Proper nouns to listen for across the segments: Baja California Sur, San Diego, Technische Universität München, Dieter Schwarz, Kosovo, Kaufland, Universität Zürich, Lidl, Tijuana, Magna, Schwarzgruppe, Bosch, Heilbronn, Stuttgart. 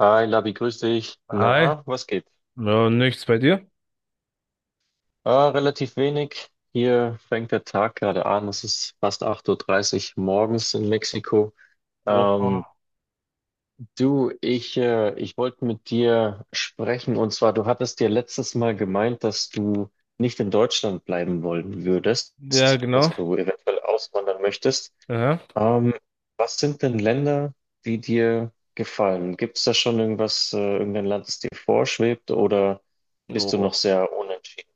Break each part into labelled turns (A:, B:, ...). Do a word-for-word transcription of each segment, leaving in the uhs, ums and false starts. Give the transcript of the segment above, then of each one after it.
A: Hi Labi, grüß dich.
B: Hi,
A: Na, was geht?
B: ja, nichts bei dir?
A: Ah, relativ wenig. Hier fängt der Tag gerade an. Es ist fast 8.30 Uhr dreißig morgens in Mexiko.
B: Oha.
A: Ähm, Du, ich, äh, ich wollte mit dir sprechen, und zwar, du hattest dir letztes Mal gemeint, dass du nicht in Deutschland bleiben wollen würdest,
B: Ja,
A: dass
B: genau.
A: du eventuell auswandern möchtest.
B: Ja.
A: Ähm, was sind denn Länder, die dir gefallen? Gibt es da schon irgendwas, äh, irgendein Land, das dir vorschwebt, oder bist du noch
B: Oh.
A: sehr unentschieden?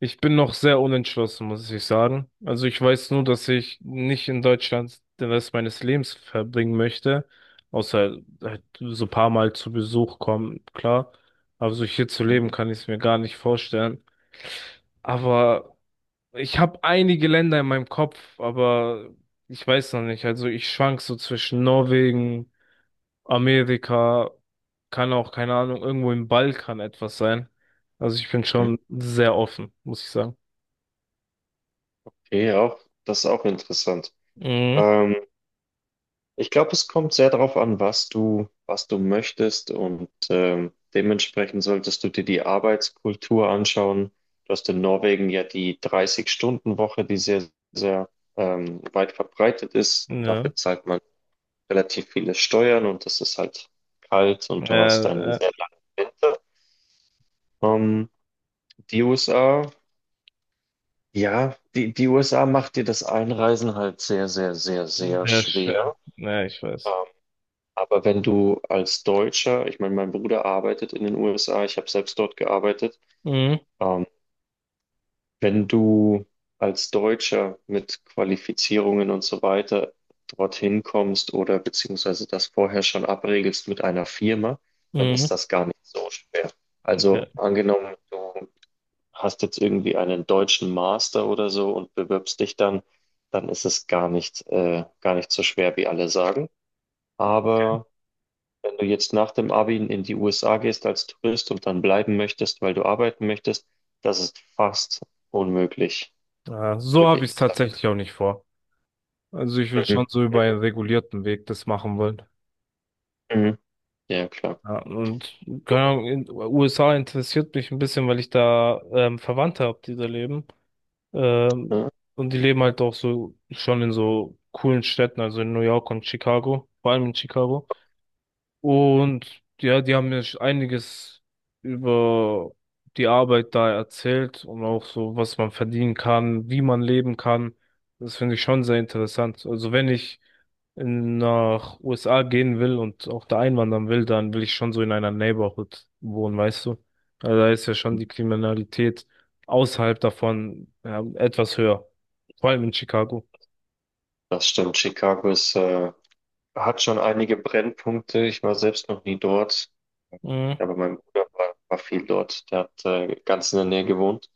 B: Ich bin noch sehr unentschlossen, muss ich sagen. Also ich weiß nur, dass ich nicht in Deutschland den Rest meines Lebens verbringen möchte, außer halt so ein paar Mal zu Besuch kommen, klar. Aber so hier zu leben, kann ich es mir gar nicht vorstellen. Aber ich habe einige Länder in meinem Kopf, aber ich weiß noch nicht. Also ich schwank so zwischen Norwegen. Amerika, kann auch, keine Ahnung, irgendwo im Balkan etwas sein. Also ich bin
A: Hm?
B: schon sehr offen, muss ich sagen.
A: Okay, auch, das ist auch interessant.
B: Mhm.
A: Ähm, Ich glaube, es kommt sehr darauf an, was du, was du möchtest, und ähm, dementsprechend solltest du dir die Arbeitskultur anschauen. Du hast in Norwegen ja die dreißig-Stunden-Woche, die sehr, sehr ähm, weit verbreitet ist.
B: Ja,
A: Dafür zahlt man relativ viele Steuern, und es ist halt kalt, und du hast einen
B: äh, äh,
A: sehr langen Winter. Ähm, die U S A, ja, die, die U S A macht dir das Einreisen halt sehr, sehr, sehr, sehr
B: sehr schwer.
A: schwer.
B: Ja, ich
A: Ähm,
B: weiß.
A: Aber wenn du als Deutscher, ich meine, mein Bruder arbeitet in den U S A, ich habe selbst dort gearbeitet,
B: Mhm.
A: ähm, wenn du als Deutscher mit Qualifizierungen und so weiter dorthin kommst oder beziehungsweise das vorher schon abregelst mit einer Firma, dann
B: Mhm.
A: ist das gar nicht so schwer.
B: Ja.
A: Also angenommen, du hast jetzt irgendwie einen deutschen Master oder so und bewirbst dich dann, dann ist es gar nicht, äh, gar nicht so schwer, wie alle sagen. Aber wenn du jetzt nach dem Abi in die U S A gehst als Tourist und dann bleiben möchtest, weil du arbeiten möchtest, das ist fast unmöglich,
B: Ja, so
A: würde
B: habe ich es
A: ich sagen.
B: tatsächlich auch nicht vor. Also ich will
A: Mhm.
B: schon so über einen regulierten Weg das machen wollen.
A: Mhm. Ja, klar.
B: Ja, und keine Ahnung, in U S A interessiert mich ein bisschen, weil ich da ähm, Verwandte habe, die da leben. Ähm,
A: Ja,
B: und die leben halt auch so schon in so coolen Städten, also in New York und Chicago, vor allem in Chicago. Und ja, die haben mir einiges über die Arbeit da erzählt und auch so, was man verdienen kann, wie man leben kann. Das finde ich schon sehr interessant. Also wenn ich in, nach U S A gehen will und auch da einwandern will, dann will ich schon so in einer Neighborhood wohnen, weißt du? Also da ist ja schon die Kriminalität außerhalb davon, ja, etwas höher, vor allem in Chicago.
A: das stimmt. Chicago ist, äh, hat schon einige Brennpunkte. Ich war selbst noch nie dort.
B: Mhm,
A: Ja, aber mein Bruder war, war viel dort. Der hat, äh, ganz in der Nähe gewohnt.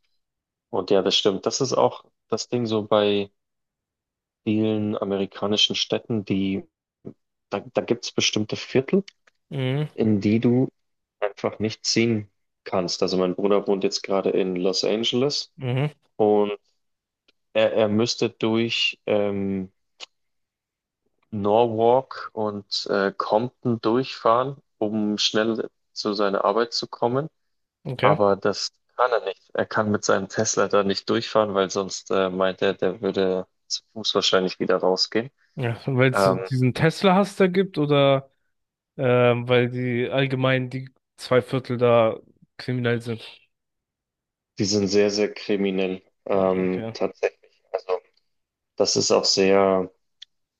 A: Und ja, das stimmt. Das ist auch das Ding so bei vielen amerikanischen Städten, die, da, da gibt es bestimmte Viertel,
B: mhm,
A: in die du einfach nicht ziehen kannst. Also mein Bruder wohnt jetzt gerade in Los Angeles,
B: mhm,
A: und er, er müsste durch ähm, Norwalk und äh, Compton durchfahren, um schnell zu seiner Arbeit zu kommen.
B: okay.
A: Aber das kann er nicht. Er kann mit seinem Tesla da nicht durchfahren, weil sonst, äh, meint er, der würde zu Fuß wahrscheinlich wieder rausgehen.
B: Ja, weil es so
A: Ähm,
B: diesen Tesla-Hass da gibt oder ähm, weil die allgemein die zwei Viertel da kriminell sind.
A: die sind sehr, sehr kriminell, ähm,
B: Okay.
A: tatsächlich. Also das ist auch sehr,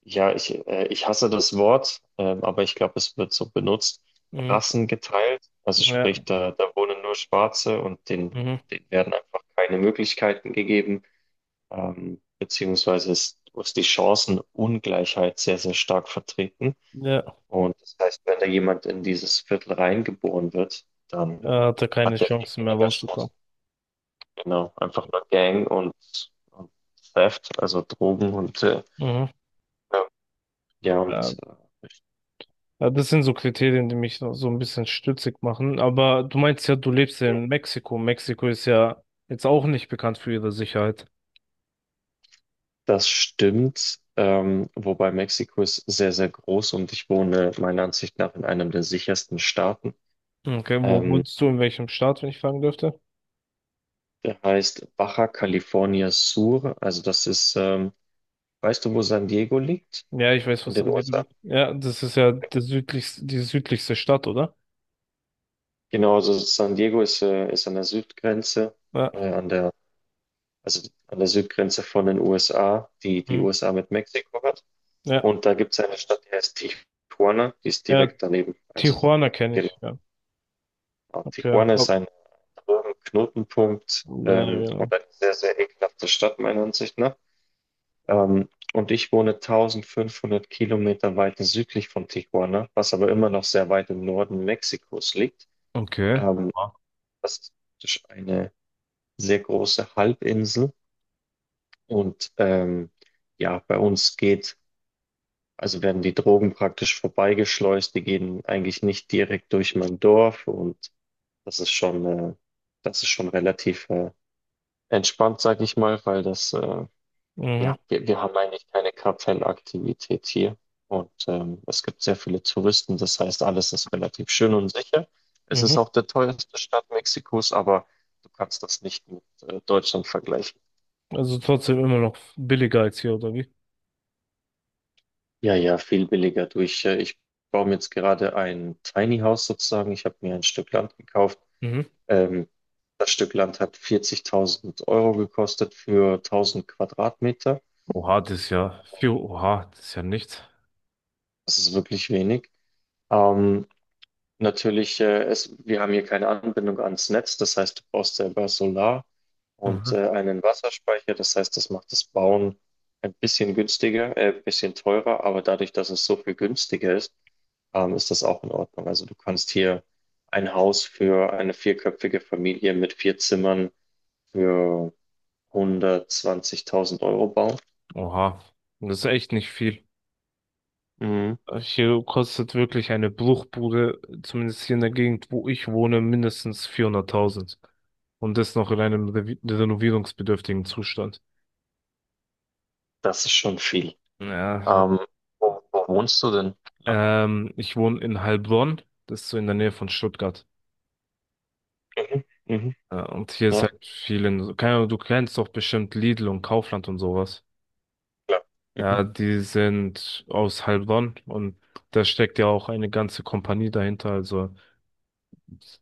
A: Ja, ich, äh, ich hasse das Wort, ähm, aber ich glaube, es wird so benutzt.
B: Mhm.
A: Rassen geteilt, also
B: Ja,
A: sprich, da, da wohnen nur Schwarze, und denen,
B: mhm.
A: denen werden einfach keine Möglichkeiten gegeben, ähm, beziehungsweise ist, ist die Chancenungleichheit sehr, sehr stark vertreten.
B: Ja,
A: Und das heißt, wenn da jemand in dieses Viertel reingeboren wird, dann
B: er hatte keine
A: hat der viel
B: Chance mehr
A: weniger
B: rauszukommen.
A: Chancen. Genau, einfach nur Gang und, und Theft, also Drogen und äh,
B: Mhm.
A: ja,
B: Ja,
A: und
B: ja, das sind so Kriterien, die mich so so ein bisschen stutzig machen. Aber du meinst ja, du lebst ja
A: äh,
B: in Mexiko. Mexiko ist ja jetzt auch nicht bekannt für ihre Sicherheit.
A: Das stimmt, ähm, wobei Mexiko ist sehr, sehr groß, und ich wohne meiner Ansicht nach in einem der sichersten Staaten.
B: Okay, wo
A: Ähm,
B: wohnst du, in welchem Staat, wenn ich fragen dürfte?
A: der heißt Baja California Sur. Also das ist, ähm, weißt du, wo San Diego liegt?
B: Ja, ich weiß,
A: In
B: was
A: den
B: an dir
A: U S A.
B: liegt. Ja, das ist ja der südlichste, die südlichste Stadt, oder?
A: Genau, also San Diego ist, äh, ist an der Südgrenze,
B: Ja,
A: äh, an der, also an der Südgrenze von den U S A, die die
B: mhm.
A: U S A mit Mexiko hat.
B: Ja,
A: Und da gibt es eine Stadt, die heißt Tijuana, die ist
B: ja,
A: direkt daneben. Also
B: Tijuana kenne
A: genau.
B: ich, ja.
A: Äh,
B: Ja,
A: Tijuana ist
B: ob-
A: ein drögen Knotenpunkt,
B: ja,
A: ähm, und
B: genau.
A: eine sehr, sehr ekelhafte Stadt meiner Ansicht nach. Ähm, und ich wohne tausendfünfhundert Kilometer weiter südlich von Tijuana, was aber immer noch sehr weit im Norden Mexikos liegt.
B: Okay.
A: Ähm,
B: Ah.
A: das ist praktisch eine sehr große Halbinsel, und ähm, ja, bei uns geht, also werden die Drogen praktisch vorbeigeschleust, die gehen eigentlich nicht direkt durch mein Dorf, und das ist schon, äh, das ist schon relativ, äh, entspannt, sag ich mal, weil das, äh,
B: Mhm,
A: ja, wir, wir haben eigentlich keine Kartellaktivität hier. Und ähm, es gibt sehr viele Touristen, das heißt, alles ist relativ schön und sicher. Es ist
B: mhm.
A: auch der teuerste Staat Mexikos, aber du kannst das nicht mit äh, Deutschland vergleichen.
B: Also trotzdem immer noch billiger als hier, oder wie?
A: Ja, ja, viel billiger durch. Äh, ich baue mir jetzt gerade ein Tiny House sozusagen. Ich habe mir ein Stück Land gekauft.
B: Mhm.
A: Ähm, das Stück Land hat vierzigtausend Euro gekostet für tausend Quadratmeter.
B: Oha, das ist ja viel. Oha, das ist ja nichts.
A: Das ist wirklich wenig. Ähm, Natürlich, äh, es, wir haben hier keine Anbindung ans Netz, das heißt, du brauchst selber Solar und
B: Mhm.
A: äh, einen Wasserspeicher, das heißt, das macht das Bauen ein bisschen günstiger, äh, ein bisschen teurer, aber dadurch, dass es so viel günstiger ist, ähm, ist das auch in Ordnung. Also du kannst hier ein Haus für eine vierköpfige Familie mit vier Zimmern für hundertzwanzigtausend Euro bauen.
B: Oha, das ist echt nicht viel.
A: Mhm.
B: Hier kostet wirklich eine Bruchbude, zumindest hier in der Gegend, wo ich wohne, mindestens vierhunderttausend. Und das noch in einem revi- renovierungsbedürftigen Zustand.
A: Das ist schon viel.
B: Ja,
A: Ähm, wo, wo wohnst du denn?
B: ähm, ich wohne in Heilbronn, das ist so in der Nähe von Stuttgart.
A: Mhm, mhm,
B: Ja, und hier ist
A: ja,
B: halt vielen, so, keine Ahnung, du kennst doch bestimmt Lidl und Kaufland und sowas.
A: klar. Mhm.
B: Ja, die sind aus Heilbronn und da steckt ja auch eine ganze Kompanie dahinter. Also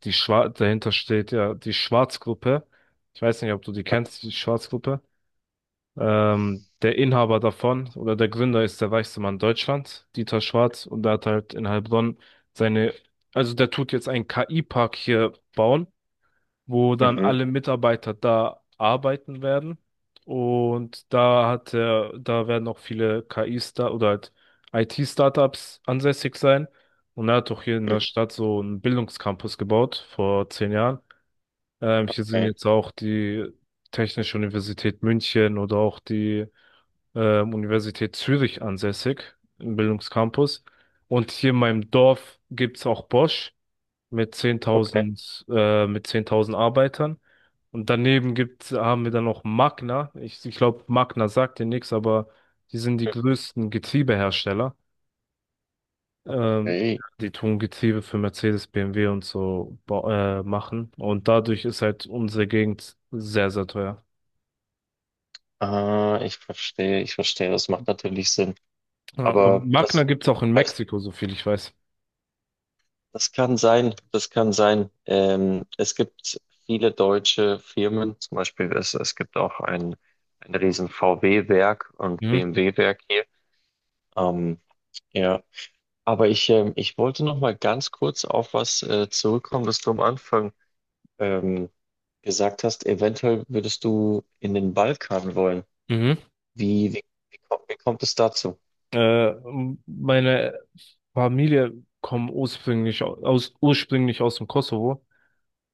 B: die Schwar dahinter steht ja die Schwarzgruppe. Ich weiß nicht, ob du die kennst, die Schwarzgruppe. Ähm, der Inhaber davon oder der Gründer ist der reichste Mann Deutschlands, Dieter Schwarz, und der hat halt in Heilbronn seine, also der tut jetzt einen K I-Park hier bauen, wo dann
A: Mhm.
B: alle Mitarbeiter da arbeiten werden. Und da hat er, da werden auch viele K I-Star oder halt I T-Startups ansässig sein. Und er hat auch hier in
A: mhm,
B: der Stadt so einen Bildungscampus gebaut vor zehn Jahren. Ähm, hier sind
A: okay,
B: jetzt auch die Technische Universität München oder auch die ähm, Universität Zürich ansässig im Bildungscampus. Und hier in meinem Dorf gibt's auch Bosch mit
A: okay,
B: zehntausend äh, mit zehntausend Arbeitern. Und daneben gibt's, haben wir dann noch Magna. Ich, ich glaube, Magna sagt dir nichts, aber die sind die größten Getriebehersteller. Ähm,
A: okay.
B: die tun Getriebe für Mercedes, B M W und so ba- äh, machen. Und dadurch ist halt unsere Gegend sehr, sehr teuer.
A: Ah, ich verstehe, ich verstehe. Das macht natürlich Sinn.
B: Ja, aber
A: Aber
B: Magna
A: das,
B: gibt's auch in
A: das
B: Mexiko, so viel ich weiß.
A: das kann sein, das kann sein. Ähm, es gibt viele deutsche Firmen, zum Beispiel, es, es gibt auch ein, ein riesen V W-Werk und
B: Mhm.
A: B M W-Werk hier. Ähm, ja, aber ich, ähm, ich wollte noch mal ganz kurz auf was äh, zurückkommen, was du am Anfang ähm, gesagt hast. Eventuell würdest du in den Balkan wollen.
B: Mhm.
A: Wie, wie, wie kommt, wie kommt es dazu?
B: Äh, m- meine Familie kommt ursprünglich au- aus, ursprünglich aus dem Kosovo.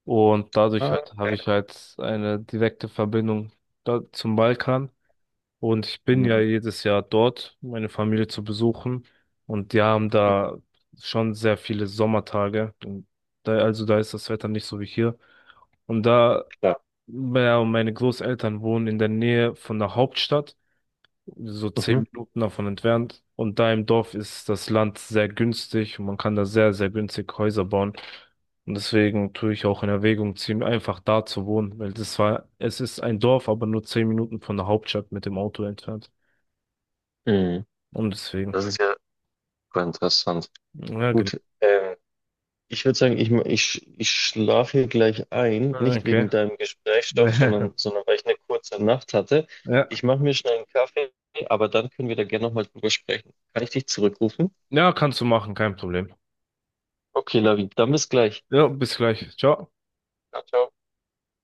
B: Und dadurch
A: Ah,
B: halt habe
A: okay.
B: ich halt eine direkte Verbindung da zum Balkan. Und ich bin
A: Mhm.
B: ja jedes Jahr dort, meine Familie zu besuchen. Und die haben
A: Mhm,
B: da schon sehr viele Sommertage. Und da, also da ist das Wetter nicht so wie hier. Und da,
A: klar.
B: ja, und meine Großeltern wohnen in der Nähe von der Hauptstadt so zehn
A: Mhm.
B: Minuten davon entfernt. Und da im Dorf ist das Land sehr günstig und man kann da sehr, sehr günstig Häuser bauen. Und deswegen tue ich auch in Erwägung ziehen, einfach da zu wohnen, weil das war, es ist ein Dorf, aber nur zehn Minuten von der Hauptstadt mit dem Auto entfernt.
A: Mhm.
B: Und deswegen,
A: Das ist ja super interessant.
B: ja, genau.
A: Gut, ähm, ich würde sagen, ich, ich, ich schlafe hier gleich ein,
B: Ah,
A: nicht
B: okay.
A: wegen deinem Gesprächsstoff, sondern, sondern weil ich eine kurze Nacht hatte.
B: Ja,
A: Ich mache mir schnell einen Kaffee, aber dann können wir da gerne nochmal drüber sprechen. Kann ich dich zurückrufen?
B: ja, kannst du machen, kein Problem.
A: Okay, Lavi, dann bis gleich.
B: Ja, bis gleich. Ciao.
A: Ciao, ciao.